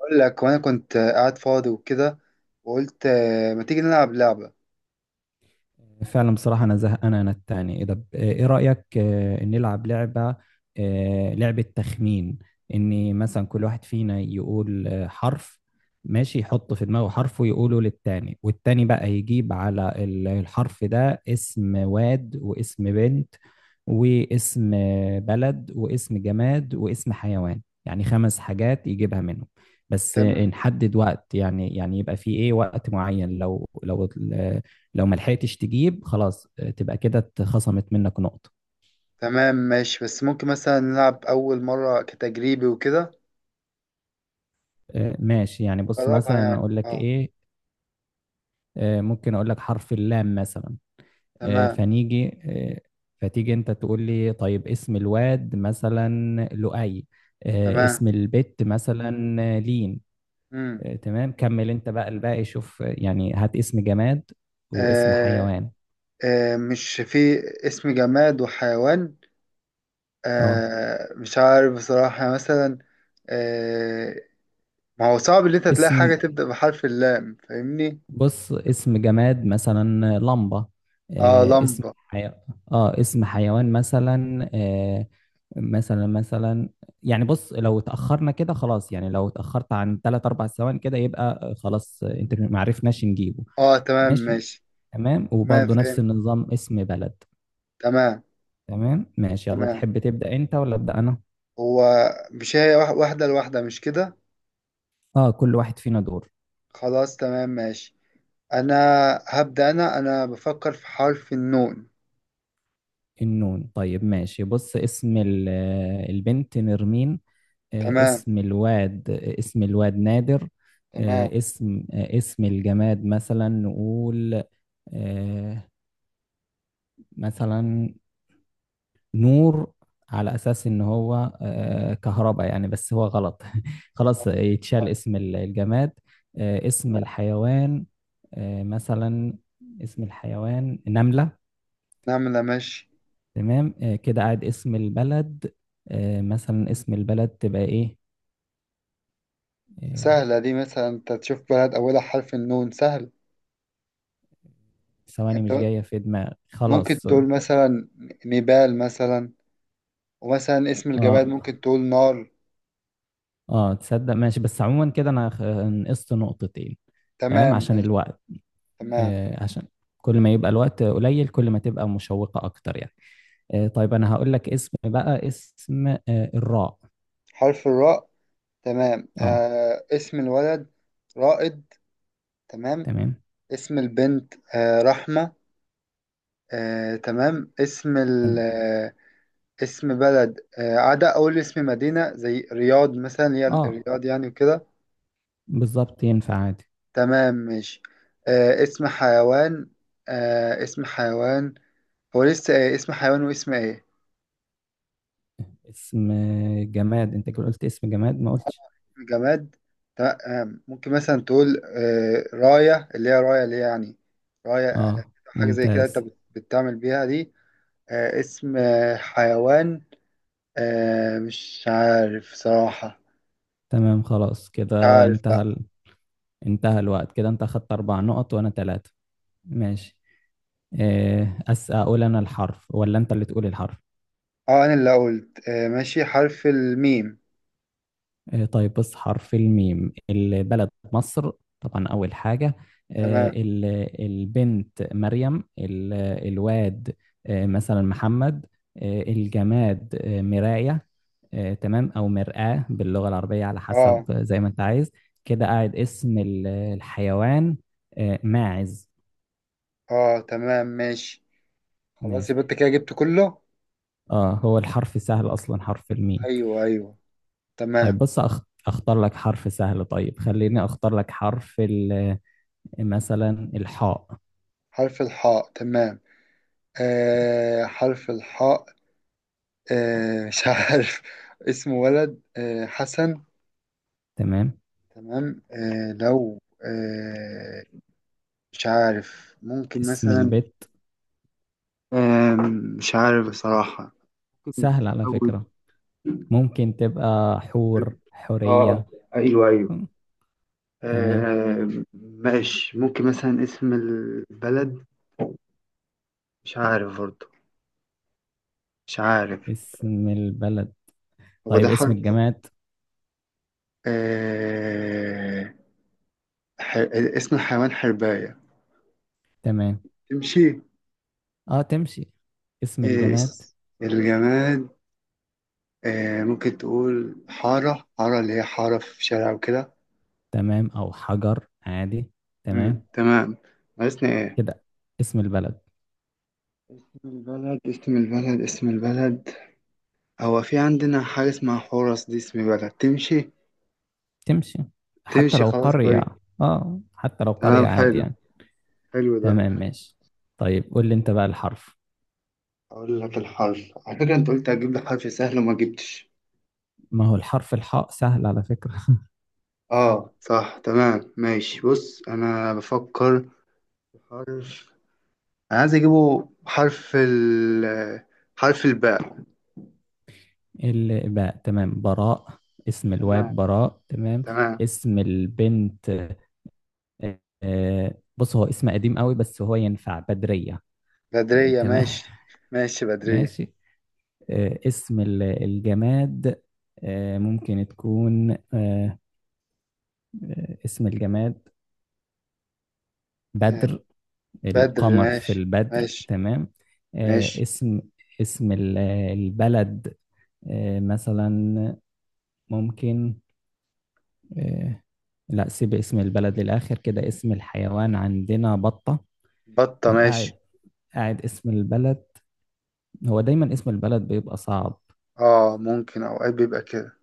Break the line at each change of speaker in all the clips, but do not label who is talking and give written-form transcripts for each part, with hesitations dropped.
اقول لك وانا كنت قاعد فاضي وكده. وقلت ما تيجي نلعب لعبة؟
فعلا بصراحة، أنا زهقان. أنا التاني. إيه رأيك، نلعب لعبة؟ لعبة تخمين، إن مثلا كل واحد فينا يقول حرف. ماشي، يحط في دماغه حرف ويقوله للتاني، والتاني بقى يجيب على الحرف ده اسم واد واسم بنت واسم بلد واسم جماد واسم حيوان، يعني خمس حاجات يجيبها منهم. بس
تم...
نحدد وقت، يعني يبقى في إيه وقت معين. لو ما لحقتش تجيب، خلاص تبقى كده اتخصمت منك نقطة.
تمام ماشي. بس ممكن مثلا نلعب اول مرة كتجريبي وكده.
ماشي يعني. بص
جربها
مثلا،
يعني
اقول لك
اه.
ايه، ممكن اقول لك حرف اللام مثلا. آه،
تمام
فنيجي آه، فتيجي انت تقول لي، طيب اسم الواد مثلا؟ لؤي.
تمام.
اسم البت مثلا؟ لين.
امم
تمام، كمل انت بقى الباقي. شوف يعني، هات اسم جماد واسم
آه.
حيوان.
آه، مش في اسم جماد وحيوان.
اه،
آه، مش عارف بصراحة مثلا. آه، ما هو صعب ان انت تلاقي
اسم،
حاجة تبدأ بحرف اللام، فاهمني؟
بص اسم جماد مثلا لمبة.
اه،
آه، اسم
لمبة.
حي... اه، اسم حيوان مثلا. مثلا مثلا يعني بص، لو اتأخرنا كده خلاص، يعني لو اتأخرت عن 3 4 ثواني كده، يبقى خلاص، انت ما عرفناش نجيبه.
اه، تمام
ماشي.
ماشي.
تمام،
تمام،
وبرضه نفس
فهمت.
النظام اسم بلد.
تمام
تمام ماشي، يلا
تمام.
تحب تبدأ انت ولا أبدأ انا؟
هو مش هي، واحدة لواحدة، مش كده؟
اه، كل واحد فينا دور.
خلاص تمام ماشي. أنا هبدأ. أنا بفكر في حرف النون.
النون، طيب ماشي، بص اسم البنت نرمين.
تمام
اسم الواد نادر.
تمام.
اسم الجماد مثلا نقول آه، مثلا نور، على اساس ان هو كهرباء يعني، بس هو غلط. خلاص يتشال اسم الجماد. اسم الحيوان مثلا، اسم الحيوان نملة.
نعم، لا، ماشي.
تمام، كده قاعد اسم البلد. مثلا، اسم البلد تبقى ايه؟ آه،
سهلة دي، مثلا أنت تشوف بلد أولها حرف النون سهل.
ثواني،
أنت
مش جاية في دماغي
ممكن
خلاص.
تقول مثلا نيبال مثلا. ومثلا اسم الجبال
اه،
ممكن تقول نار.
اه تصدق، ماشي، بس عموما كده انا نقصت نقطتين. تمام،
تمام
عشان
ماشي.
الوقت.
تمام.
آه، عشان كل ما يبقى الوقت قليل، كل ما تبقى مشوقة اكتر يعني. آه، طيب انا هقول لك اسم، بقى اسم آه، الراء.
حرف الراء. تمام.
اه
اسم الولد رائد. تمام.
تمام.
اسم البنت رحمة. تمام. اسم ال
تمام.
آه، اسم بلد. عدا أول اسم مدينة زي رياض مثلا، اللي هي
اه
الرياض يعني وكده.
بالظبط، ينفع عادي.
تمام ماشي. اسم حيوان. اسم حيوان. هو لسه، اسم حيوان واسم ايه؟
اسم جماد؟ انت كده قلت اسم جماد، ما قلتش.
جماد. تمام. ممكن مثلا تقول راية، اللي هي راية اللي هي، يعني راية. يعني
اه
حاجة زي كده، انت
ممتاز.
بتعمل بيها دي. اسم حيوان. مش عارف صراحة.
تمام خلاص،
مش
كده
عارف.
انتهى الوقت. كده انت اخدت 4 نقط وانا 3. ماشي. آه، أس أقول أنا الحرف ولا أنت اللي تقول الحرف؟
اه، انا اللي قلت آه، ماشي، حرف الميم.
طيب بص، حرف الميم. البلد مصر طبعا، أول حاجة. آه،
تمام.
ال- البنت مريم. الواد مثلا محمد. الجماد مراية، تمام، أو مرآة باللغة العربية على حسب
اه
زي ما أنت عايز. كده قاعد اسم الحيوان ماعز.
اه، تمام ماشي. خلاص يبقى
ماشي.
انت كده جبت كله.
اه، هو الحرف سهل أصلا، حرف الميم.
ايوه ايوه. تمام.
طيب بص، اختار لك حرف سهل، طيب خليني اختار لك مثلا الحاء.
حرف الحاء. تمام. حرف الحاء. مش عارف اسمه ولد، حسن.
تمام.
تمام. لو مش عارف، ممكن
اسم
مثلا.
البيت
آه. مش عارف بصراحة. ممكن
سهل على
تزود.
فكرة. ممكن تبقى حور،
اه،
حورية.
ايوه ايوه.
مم، تمام.
آه ماشي، ممكن مثلا اسم البلد. مش عارف برضه. مش عارف.
اسم البلد؟
هو ده
طيب اسم الجماد؟
آه ح... اسم الحيوان حرباية.
تمام،
تمشي.
اه تمشي. اسم
آه
الجماد
اس- الجماد. ممكن تقول حارة حارة، اللي هي حارة في شارع وكده.
تمام، او حجر عادي.
مم،
تمام.
تمام. ناقصنا ايه؟
كده اسم البلد.
اسم البلد، اسم البلد، اسم البلد. هو في عندنا حاجة اسمها حورس، دي اسم بلد، تمشي.
تمشي حتى
تمشي،
لو
خلاص
قرية.
كويس.
اه، حتى لو
تمام
قرية عادي
حلو.
يعني.
حلو ده.
تمام ماشي. طيب قول لي انت بقى الحرف.
أقول لك الحرف، على فكرة أنت قلت هتجيب لي حرف سهل وما جبتش.
ما هو الحرف الحاء سهل على فكرة.
آه صح، تمام ماشي. بص أنا بفكر في حرف. أنا عايز أجيبه حرف الباء.
الباء. تمام، براء. اسم
تمام.
الواد براء. تمام.
تمام،
اسم البنت، بص، هو اسم قديم قوي بس هو ينفع، بدرية.
بدرية
تمام.
ماشي. ماشي بدرية.
ماشي. اسم الجماد. آه، ممكن تكون آه، آه، اسم الجماد بدر.
بدر
القمر في
ماشي.
البدر.
ماشي.
تمام. آه،
ماشي
اسم اسم البلد مثلا، ممكن آه، لا، سيب اسم البلد للآخر. كده اسم الحيوان عندنا بطة.
بطة
آه، قاعد
ماشي.
قاعد اسم البلد. هو دايما اسم البلد بيبقى صعب.
ممكن أوقات بيبقى كده.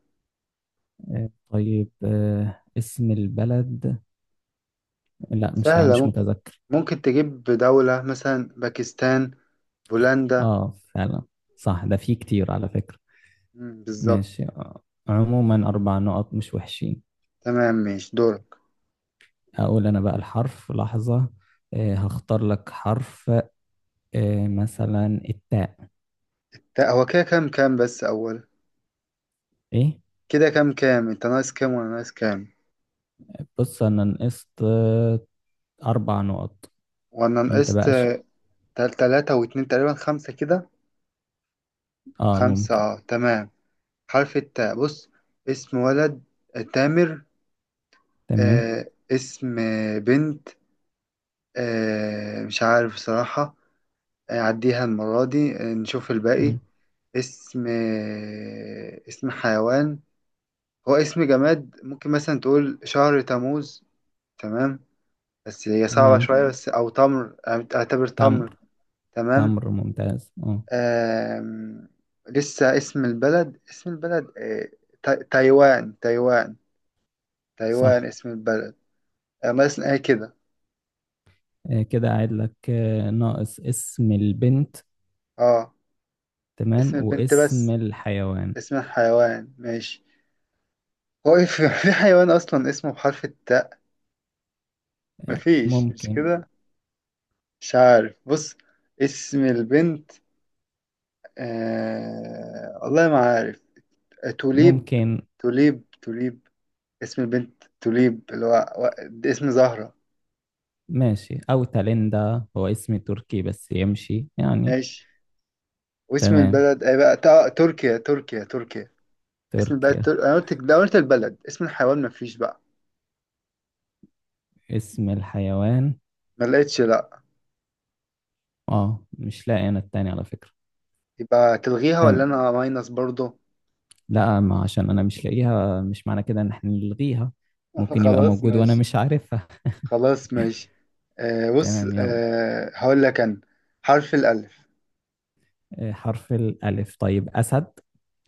طيب اسم البلد، لا مش عا-
سهلة،
مش
ممكن.
متذكر.
ممكن تجيب دولة مثلا باكستان، بولندا.
اه فعلا، صح، ده فيه كتير على فكرة.
مم، بالظبط.
ماشي، عموما أربع نقط مش وحشين.
تمام ماشي، دورك.
أقول أنا بقى الحرف. لحظة، هختار لك حرف، مثلا التاء.
هو كده كام كام، بس أول
إيه؟
كده كام كام. أنت ناقص كام وأنا ناقص كام؟
بص أنا نقصت 4 نقط.
وأنا
أنت
نقصت
بقى
تلاتة واتنين تقريبا، خمسة كده.
آه
خمسة،
ممكن.
اه، تمام. حرف التاء. بص اسم ولد تامر.
تمام.
اسم بنت. مش عارف بصراحة. عديها المرة دي، نشوف الباقي.
مم.
اسم حيوان. هو اسم جماد، ممكن مثلا تقول شهر تموز. تمام. بس هي صعبة
تمام
شوية، بس أو تمر. أعتبر
تمر.
تمر. تمام.
تمر ممتاز، اه
آم... لسه اسم البلد، اسم البلد، تايوان تايوان. تايوان
صح.
اسم البلد. مثلا ايه كده.
كده قاعد لك ناقص اسم البنت.
اه،
تمام،
اسم البنت
واسم
بس.
الحيوان.
اسم الحيوان ماشي. هو إيه، في في حيوان أصلا اسمه بحرف التاء؟
آه،
مفيش، مش
ممكن
كده. مش عارف، بص اسم البنت. والله ما عارف. توليب.
ممكن
توليب توليب. اسم البنت توليب، اللي هو اسم زهرة.
ماشي، او تاليندا، هو اسم تركي بس يمشي يعني.
ماشي. واسم
تمام،
البلد اي، بقى تركيا تركيا تركيا. اسم البلد
تركيا.
انا قلت ده، قلت البلد، اسم الحيوان مفيش بقى.
اسم الحيوان
ما لقيتش، لا.
اه مش لاقي انا التاني على فكرة.
يبقى تلغيها، ولا
تمام.
انا ماينس برضه.
لا، ما عشان انا مش لاقيها مش معنى كده ان احنا نلغيها. ممكن يبقى
خلاص
موجود وانا
ماشي.
مش عارفها.
خلاص ماشي. بص،
تمام يلا.
هقول لك انا حرف الالف.
حرف الألف. طيب، أسد.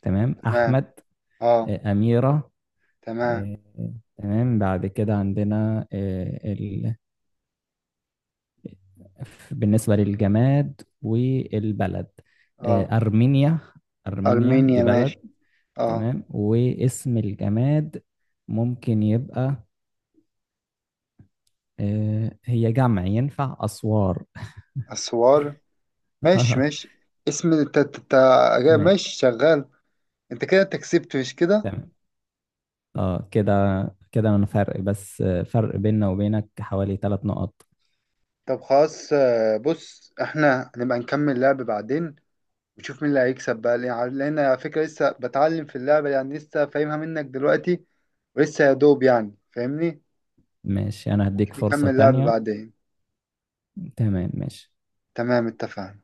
تمام،
تمام.
أحمد.
اه.
أميرة.
تمام.
آه، تمام. بعد كده عندنا بالنسبة للجماد والبلد،
اه.
أرمينيا. أرمينيا دي
ارمينيا ماشي.
بلد.
اه،
تمام. واسم الجماد ممكن يبقى هي جمع، ينفع أسوار.
اسوار ماشي ماشي. اسم الت... الت- الت-
ما-
ماشي شغال. انت كده انت كسبت، مش كده؟
تمام. اه كده، كده انا فرق، بس فرق بيننا وبينك حوالي 3 نقط.
طب خلاص، بص احنا هنبقى نكمل لعب بعدين. ونشوف مين اللي هيكسب بقى، لأن على فكرة لسه بتعلم في اللعبة يعني، لسه فاهمها منك دلوقتي. ولسه يا دوب يعني، فاهمني؟
ماشي، انا
ممكن
هديك فرصة
نكمل لعب
تانية.
بعدين.
تمام ماشي.
تمام، اتفقنا.